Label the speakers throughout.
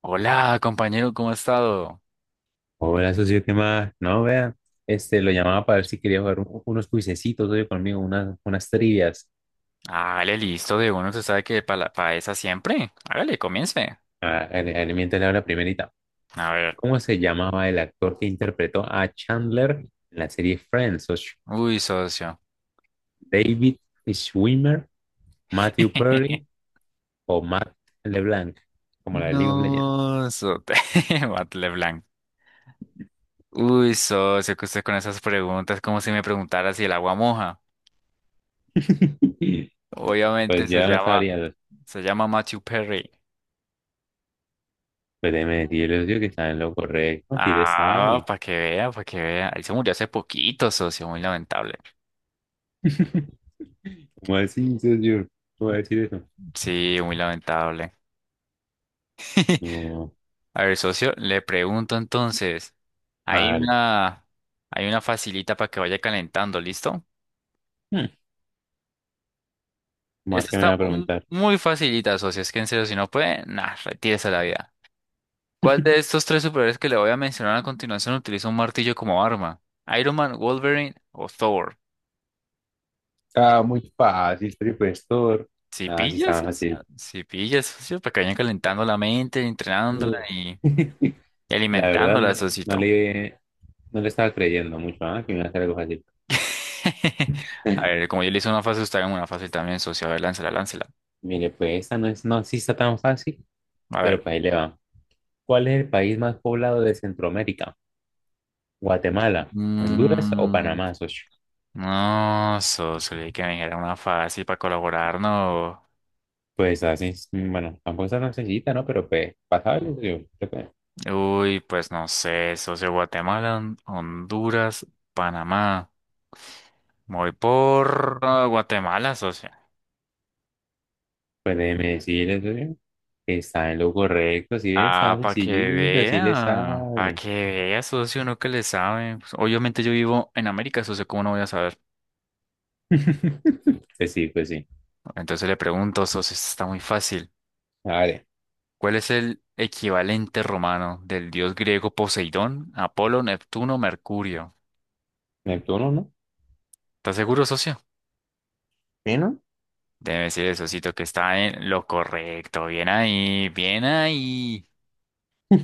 Speaker 1: Hola, compañero, ¿cómo ha estado?
Speaker 2: Hola, socio, ¿qué más? No, vea, lo llamaba para ver si quería jugar unos cuisecitos hoy conmigo, unas trivias.
Speaker 1: Hágale listo de uno, se sabe que para esa siempre. Hágale, comience.
Speaker 2: Ah, mientras le hablo la primerita.
Speaker 1: A ver.
Speaker 2: ¿Cómo se llamaba el actor que interpretó a Chandler en la serie Friends, socio?
Speaker 1: Uy, socio.
Speaker 2: ¿David Schwimmer, Matthew Perry o Matt LeBlanc? Como la de League of Legends.
Speaker 1: No, sote. Batle blanc. Uy, socio, que usted con esas preguntas, como si me preguntara si el agua moja. Obviamente
Speaker 2: Pues ya no sabría.
Speaker 1: se llama Matthew Perry.
Speaker 2: Pues déjeme decirle, socio, que está en lo correcto, si le
Speaker 1: Ah,
Speaker 2: sabe.
Speaker 1: para que vea, para que vea. Él se murió hace poquito, socio, muy lamentable.
Speaker 2: ¿Cómo así, socio? ¿Cómo va a decir eso?
Speaker 1: Sí, muy lamentable.
Speaker 2: No,
Speaker 1: A ver, socio, le pregunto entonces. Hay
Speaker 2: mal.
Speaker 1: una, hay una facilita para que vaya calentando, ¿listo?
Speaker 2: Hmm, Omar,
Speaker 1: Esta
Speaker 2: ¿qué me
Speaker 1: está
Speaker 2: va a preguntar?
Speaker 1: muy facilita, socio. Es que en serio, si no puede, nah, retírese a la vida. ¿Cuál de estos tres superhéroes que le voy a mencionar a continuación utiliza un martillo como arma? ¿Iron Man, Wolverine o Thor?
Speaker 2: Ah, muy fácil, precursor.
Speaker 1: Si
Speaker 2: Nada, sí
Speaker 1: pillas,
Speaker 2: estaba
Speaker 1: socio.
Speaker 2: fácil.
Speaker 1: Si pillas, socio, para que vayan calentando la mente, entrenándola
Speaker 2: Sí.
Speaker 1: y
Speaker 2: La verdad,
Speaker 1: alimentándola,
Speaker 2: no
Speaker 1: socito.
Speaker 2: le, no le estaba creyendo mucho, ¿ah? Que me iba a hacer algo fácil.
Speaker 1: A ver, como yo le hice una fase, usted haga una fase también, socio. A ver, láncela, láncela.
Speaker 2: Mire, pues esta no es, no, sí está tan fácil,
Speaker 1: A
Speaker 2: pero
Speaker 1: ver.
Speaker 2: pues ahí le va. ¿Cuál es el país más poblado de Centroamérica? ¿Guatemala, Honduras o
Speaker 1: Mm,
Speaker 2: Panamá, socio?
Speaker 1: no, socio, le dije que me dijera una fácil para colaborar, no.
Speaker 2: Pues así, es, mm, bueno, tampoco está tan sencillita, ¿no? Pero pues, pasable, socio.
Speaker 1: Uy, pues no sé, socio, Guatemala, Honduras, Panamá. Me voy por Guatemala, socio.
Speaker 2: Pues déjeme decirle, socio, que está en lo correcto, si ve, estaba
Speaker 1: Ah,
Speaker 2: sencillito, si le
Speaker 1: para
Speaker 2: sabe.
Speaker 1: que vea, socio, uno que le sabe. Pues, obviamente yo vivo en América, socio, ¿cómo no voy a saber?
Speaker 2: Pues sí, pues sí.
Speaker 1: Entonces le pregunto, socio, esto está muy fácil.
Speaker 2: Vale,
Speaker 1: ¿Cuál es el equivalente romano del dios griego Poseidón, Apolo, Neptuno, Mercurio?
Speaker 2: Neptuno, ¿no?
Speaker 1: ¿Estás seguro, socio?
Speaker 2: ¿Sí, no?
Speaker 1: Debe decir el socito que está en lo correcto. Bien ahí, bien ahí.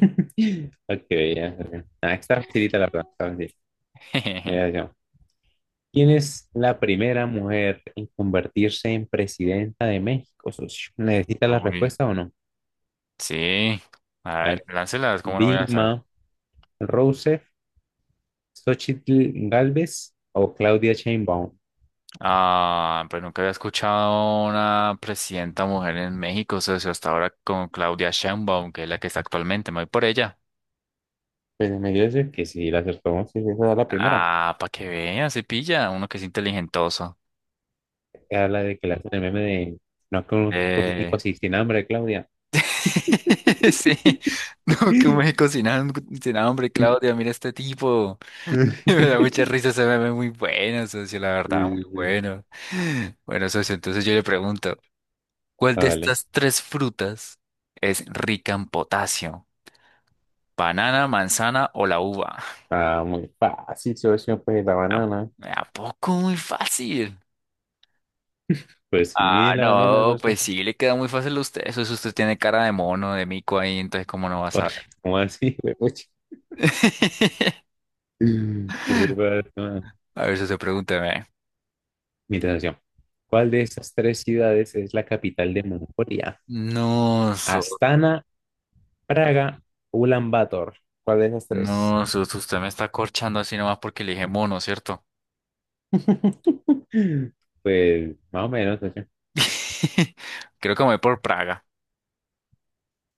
Speaker 2: Ok, ya, socio. Ah, está facilita la verdad, está fácil. Mira, socio, ¿quién es la primera mujer en convertirse en presidenta de México, socio? ¿Necesita la
Speaker 1: Uy,
Speaker 2: respuesta o no?
Speaker 1: sí. A
Speaker 2: Bueno,
Speaker 1: ver, láncelas, ¿cómo no voy a saber?
Speaker 2: Dilma Rousseff, Xochitl Galvez o Claudia Sheinbaum.
Speaker 1: Ah, pues nunca había escuchado una presidenta mujer en México, socio, hasta ahora con Claudia Sheinbaum, que es la que está actualmente. Me voy por ella.
Speaker 2: Pues me dio que sí, la acertó, sí, esa es la primera.
Speaker 1: Ah, para que vean, se pilla, uno que es inteligentoso.
Speaker 2: Que habla de que le hacen el meme de no es que un rico
Speaker 1: Eh,
Speaker 2: sin hambre, Claudia.
Speaker 1: Sí, no, que me cocinaron sin hambre, Claudia, mira este tipo. Me da mucha risa ese ve muy bueno, socio, la verdad, muy bueno. Bueno, socio, entonces yo le pregunto, ¿cuál de
Speaker 2: Vale.
Speaker 1: estas tres frutas es rica en potasio? ¿Banana, manzana o la uva?
Speaker 2: Ah, muy fácil, socio, pues la
Speaker 1: ¿A,
Speaker 2: banana.
Speaker 1: a poco muy fácil?
Speaker 2: Pues sí,
Speaker 1: Ah,
Speaker 2: la banana,
Speaker 1: no,
Speaker 2: socio.
Speaker 1: pues sí, le queda muy fácil a usted. Eso es usted tiene cara de mono, de mico ahí, entonces ¿cómo no va a
Speaker 2: Oye,
Speaker 1: saber?
Speaker 2: ¿cómo así, güey? Pucha. ¿Qué le pasa?
Speaker 1: A ver, socio, pregúnteme.
Speaker 2: Mira, socio, ¿cuál de estas tres ciudades es la capital de Mongolia?
Speaker 1: No,
Speaker 2: Astana, Praga, Ulan Bator. ¿Cuál de esas tres?
Speaker 1: no, sos, usted me está corchando así nomás porque le dije mono, ¿cierto?
Speaker 2: Pues más o menos.
Speaker 1: Creo que me voy por Praga.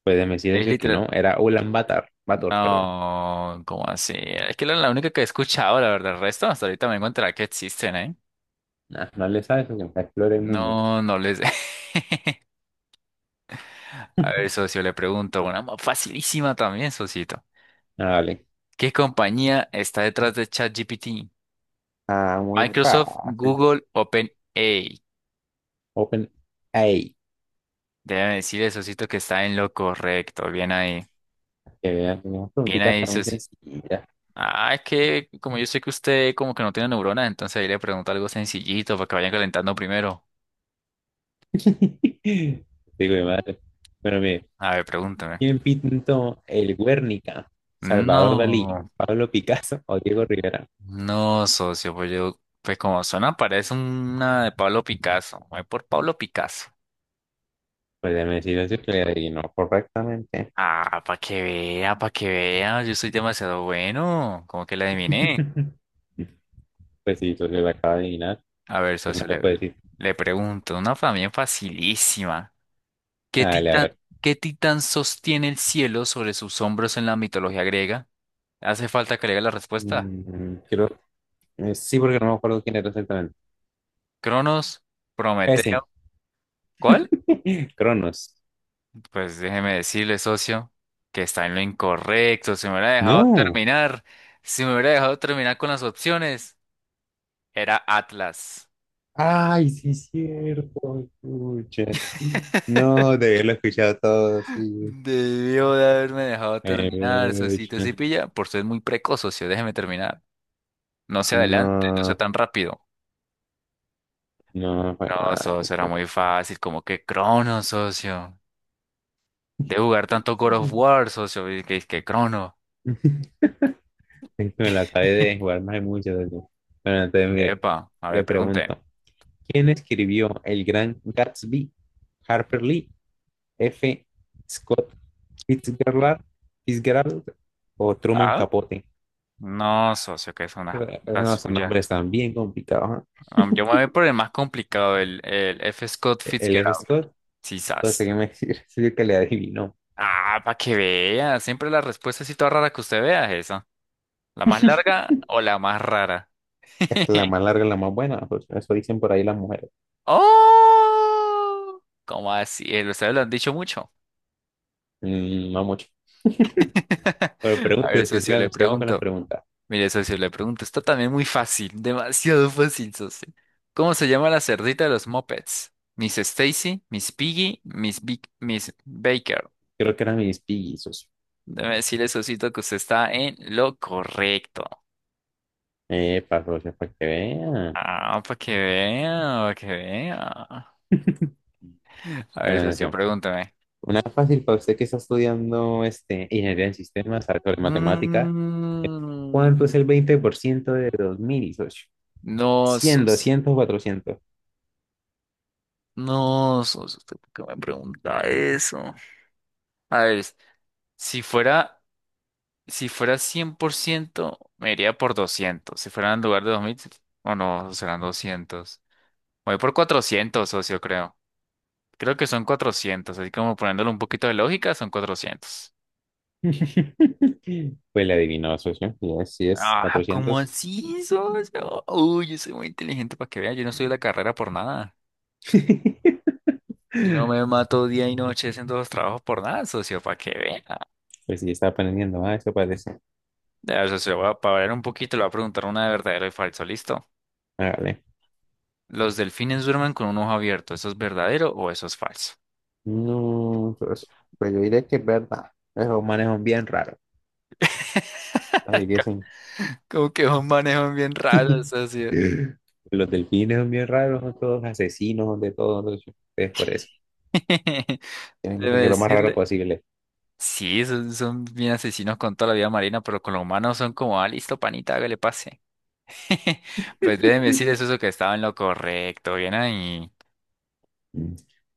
Speaker 2: Pueden
Speaker 1: Es
Speaker 2: decir que no,
Speaker 1: literal.
Speaker 2: era Ulaanbaatar, Bator, Bator, perdón.
Speaker 1: No, ¿cómo así? Es que la única que he escuchado, la verdad. El resto hasta ahorita me encontrará que existen, ¿eh?
Speaker 2: Nah, no le sabes porque me explora el mundo.
Speaker 1: No, no les. A ver, socio, le pregunto una más facilísima también, socito.
Speaker 2: Ah, vale.
Speaker 1: ¿Qué compañía está detrás de ChatGPT?
Speaker 2: Ah, muy
Speaker 1: Microsoft,
Speaker 2: fácil.
Speaker 1: Google, OpenAI.
Speaker 2: Open AI.
Speaker 1: Déjame decirle, socito, que está en lo correcto. Bien ahí.
Speaker 2: Que vean, tenemos
Speaker 1: Bien
Speaker 2: preguntitas,
Speaker 1: ahí,
Speaker 2: están muy sencillas.
Speaker 1: ah, es que como yo sé que usted como que no tiene neuronas, entonces ahí le pregunto algo sencillito para que vayan calentando primero.
Speaker 2: Digo de madre. Bueno, mire,
Speaker 1: A ver, pregúntame.
Speaker 2: ¿quién pintó el Guernica? ¿Salvador Dalí,
Speaker 1: No,
Speaker 2: Pablo Picasso o Diego Rivera?
Speaker 1: no, socio, pues yo, pues como suena, parece una de Pablo Picasso. Voy por Pablo Picasso.
Speaker 2: Pues déjeme decirle eso, que le adivinó correctamente.
Speaker 1: Ah, para que vea, yo soy demasiado bueno, como que la adiviné.
Speaker 2: Pues sí, entonces lo acaba de adivinar.
Speaker 1: A ver,
Speaker 2: ¿Qué más
Speaker 1: socio,
Speaker 2: le puedo decir?
Speaker 1: le pregunto, una también facilísima. ¿Qué
Speaker 2: Dale, a
Speaker 1: titán,
Speaker 2: ver.
Speaker 1: qué titán sostiene el cielo sobre sus hombros en la mitología griega? Hace falta que le diga la respuesta.
Speaker 2: Mm, Quiero Sí, porque no me acuerdo quién era exactamente.
Speaker 1: Cronos, Prometeo.
Speaker 2: Ese,
Speaker 1: ¿Cuál?
Speaker 2: Cronos.
Speaker 1: Pues déjeme decirle, socio, que está en lo incorrecto. Si me hubiera dejado
Speaker 2: No.
Speaker 1: terminar, si me hubiera dejado terminar con las opciones, era Atlas.
Speaker 2: Ay, sí, es cierto. Pucha. No, debí haberlo escuchado todo, sí.
Speaker 1: Debió de haberme dejado
Speaker 2: Eh,
Speaker 1: terminar, socito. Si
Speaker 2: Pucha.
Speaker 1: pilla, por ser muy precoz, socio, déjeme terminar. No se adelante, no sea
Speaker 2: No,
Speaker 1: tan rápido.
Speaker 2: no, fue
Speaker 1: No,
Speaker 2: mal
Speaker 1: socio, era
Speaker 2: eso.
Speaker 1: muy fácil, como que Crono, socio. De jugar tanto God of War, socio, y que Crono.
Speaker 2: Es que me lo acabé de jugar más de mucho de eso. Bueno, entonces, mire,
Speaker 1: Epa, a ver,
Speaker 2: le
Speaker 1: pregunte.
Speaker 2: pregunto, ¿quién escribió El Gran Gatsby? ¿Harper Lee, F. Scott Fitzgerald, Fitzgerald o Truman
Speaker 1: ¿Ah?
Speaker 2: Capote?
Speaker 1: No, socio, que es una pregunta
Speaker 2: No, son
Speaker 1: suya.
Speaker 2: nombres tan bien complicados.
Speaker 1: Yo me voy por el más complicado, el F. Scott
Speaker 2: ¿Eh? El F.
Speaker 1: Fitzgerald.
Speaker 2: Scott, pues
Speaker 1: Quizás.
Speaker 2: déjeme decir, es el que le adivinó.
Speaker 1: Ah, para que vea. Siempre la respuesta así toda rara que usted vea es esa. ¿La más larga o la más rara?
Speaker 2: Es que la más larga es la más buena, pues, eso dicen por ahí las mujeres.
Speaker 1: ¡Oh! ¿Cómo así? Ustedes lo han dicho mucho.
Speaker 2: Mm, no mucho. Pero
Speaker 1: A ver,
Speaker 2: pregúntese,
Speaker 1: socio, le
Speaker 2: sigamos, sigamos con las
Speaker 1: pregunto.
Speaker 2: preguntas.
Speaker 1: Mire, socio, le pregunto, está también muy fácil, demasiado fácil, socio. ¿Cómo se llama la cerdita de los Muppets? Miss Stacy, Miss Piggy, Miss Baker.
Speaker 2: Creo que eran mis pillizos.
Speaker 1: Debe decirle, socito, que usted está en lo correcto.
Speaker 2: Socio, para que vean.
Speaker 1: Ah, para que vea, para que vea. A ver,
Speaker 2: Bueno,
Speaker 1: socio,
Speaker 2: socio,
Speaker 1: pregúntame.
Speaker 2: una fácil para usted que está estudiando ingeniería en sistemas, arte de matemática.
Speaker 1: Mm,
Speaker 2: ¿Cuánto es el 20% de 2000, socio?
Speaker 1: no,
Speaker 2: 100,
Speaker 1: sos,
Speaker 2: 200, 400.
Speaker 1: no, sos, ¿usted por qué me pregunta eso? A ver, si fuera Si fuera 100%, me iría por 200. Si fuera en lugar de 2000, o no, serán 200. Voy por 400, socio, creo. Creo que son 400, así como poniéndole un poquito de lógica, son 400.
Speaker 2: Pues le adivinó, socio. Sí es,
Speaker 1: Ah, ¿cómo
Speaker 2: 400.
Speaker 1: así, socio? Uy, yo soy muy inteligente para que vean, yo no estudio la carrera por nada. Yo no me mato día y noche haciendo los trabajos por nada, socio, para que vean.
Speaker 2: Pues sí, está aprendiendo más, eso parece.
Speaker 1: Ya, socio, para variar un poquito, le voy a preguntar una de verdadero y falso, ¿listo?
Speaker 2: Hágale.
Speaker 1: ¿Los delfines duermen con un ojo abierto? ¿Eso es verdadero o eso es falso?
Speaker 2: No, pues, pues yo diré que es verdad. Esos manes son bien raros. Así que son.
Speaker 1: Como que un manejan bien raro, socio.
Speaker 2: Los delfines son bien raros, son todos asesinos, son de todos. Es por eso. Tienen que
Speaker 1: Debe
Speaker 2: ser lo más raro
Speaker 1: decirle.
Speaker 2: posible.
Speaker 1: Sí, son, son bien asesinos con toda la vida marina, pero con los humanos son como, ah, listo, panita, que le pase. Pues deben decir eso, eso que estaba en lo correcto, bien ahí.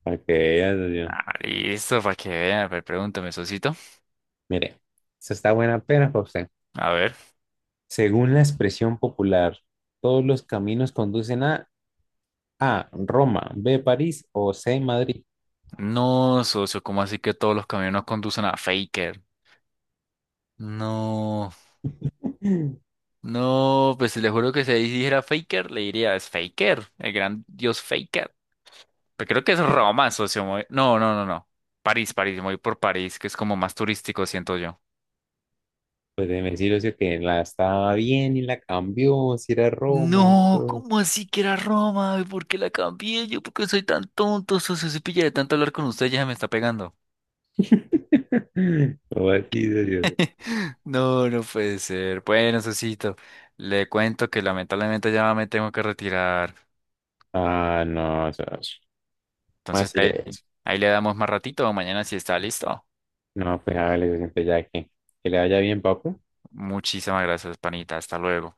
Speaker 2: Para que veas,
Speaker 1: Ah, listo, para que vean. A ver, pregúntame, socito.
Speaker 2: mire, esta está buena pena para usted.
Speaker 1: A ver.
Speaker 2: Según la expresión popular, todos los caminos conducen a A, Roma, B, París o C, Madrid.
Speaker 1: No, socio, ¿cómo así que todos los camiones conducen a Faker? No, no, pues le juro que si dijera Faker, le diría, es Faker, el gran dios Faker. Pero creo que es Roma, socio. No, no, no, no. París, París, me voy por París, que es como más turístico, siento yo.
Speaker 2: Pues déjeme decirle, socio, que la estaba bien y la cambió, si era Roma,
Speaker 1: No,
Speaker 2: todo.
Speaker 1: ¿cómo así que era Roma? ¿Y ¿Por qué la cambié? Yo, ¿por qué soy tan tonto, socio? Se pilla de tanto hablar con usted, ya se me está pegando.
Speaker 2: ¿Cómo así, socio?
Speaker 1: No, no puede ser. Bueno, sosito, le cuento que lamentablemente ya me tengo que retirar.
Speaker 2: Ah, no, socio. ¿Cómo
Speaker 1: Entonces
Speaker 2: así
Speaker 1: ahí,
Speaker 2: le...?
Speaker 1: ahí le damos más ratito, mañana si está listo.
Speaker 2: No, pues hágale, socio, pues ya que le vaya bien, papu.
Speaker 1: Muchísimas gracias, panita. Hasta luego.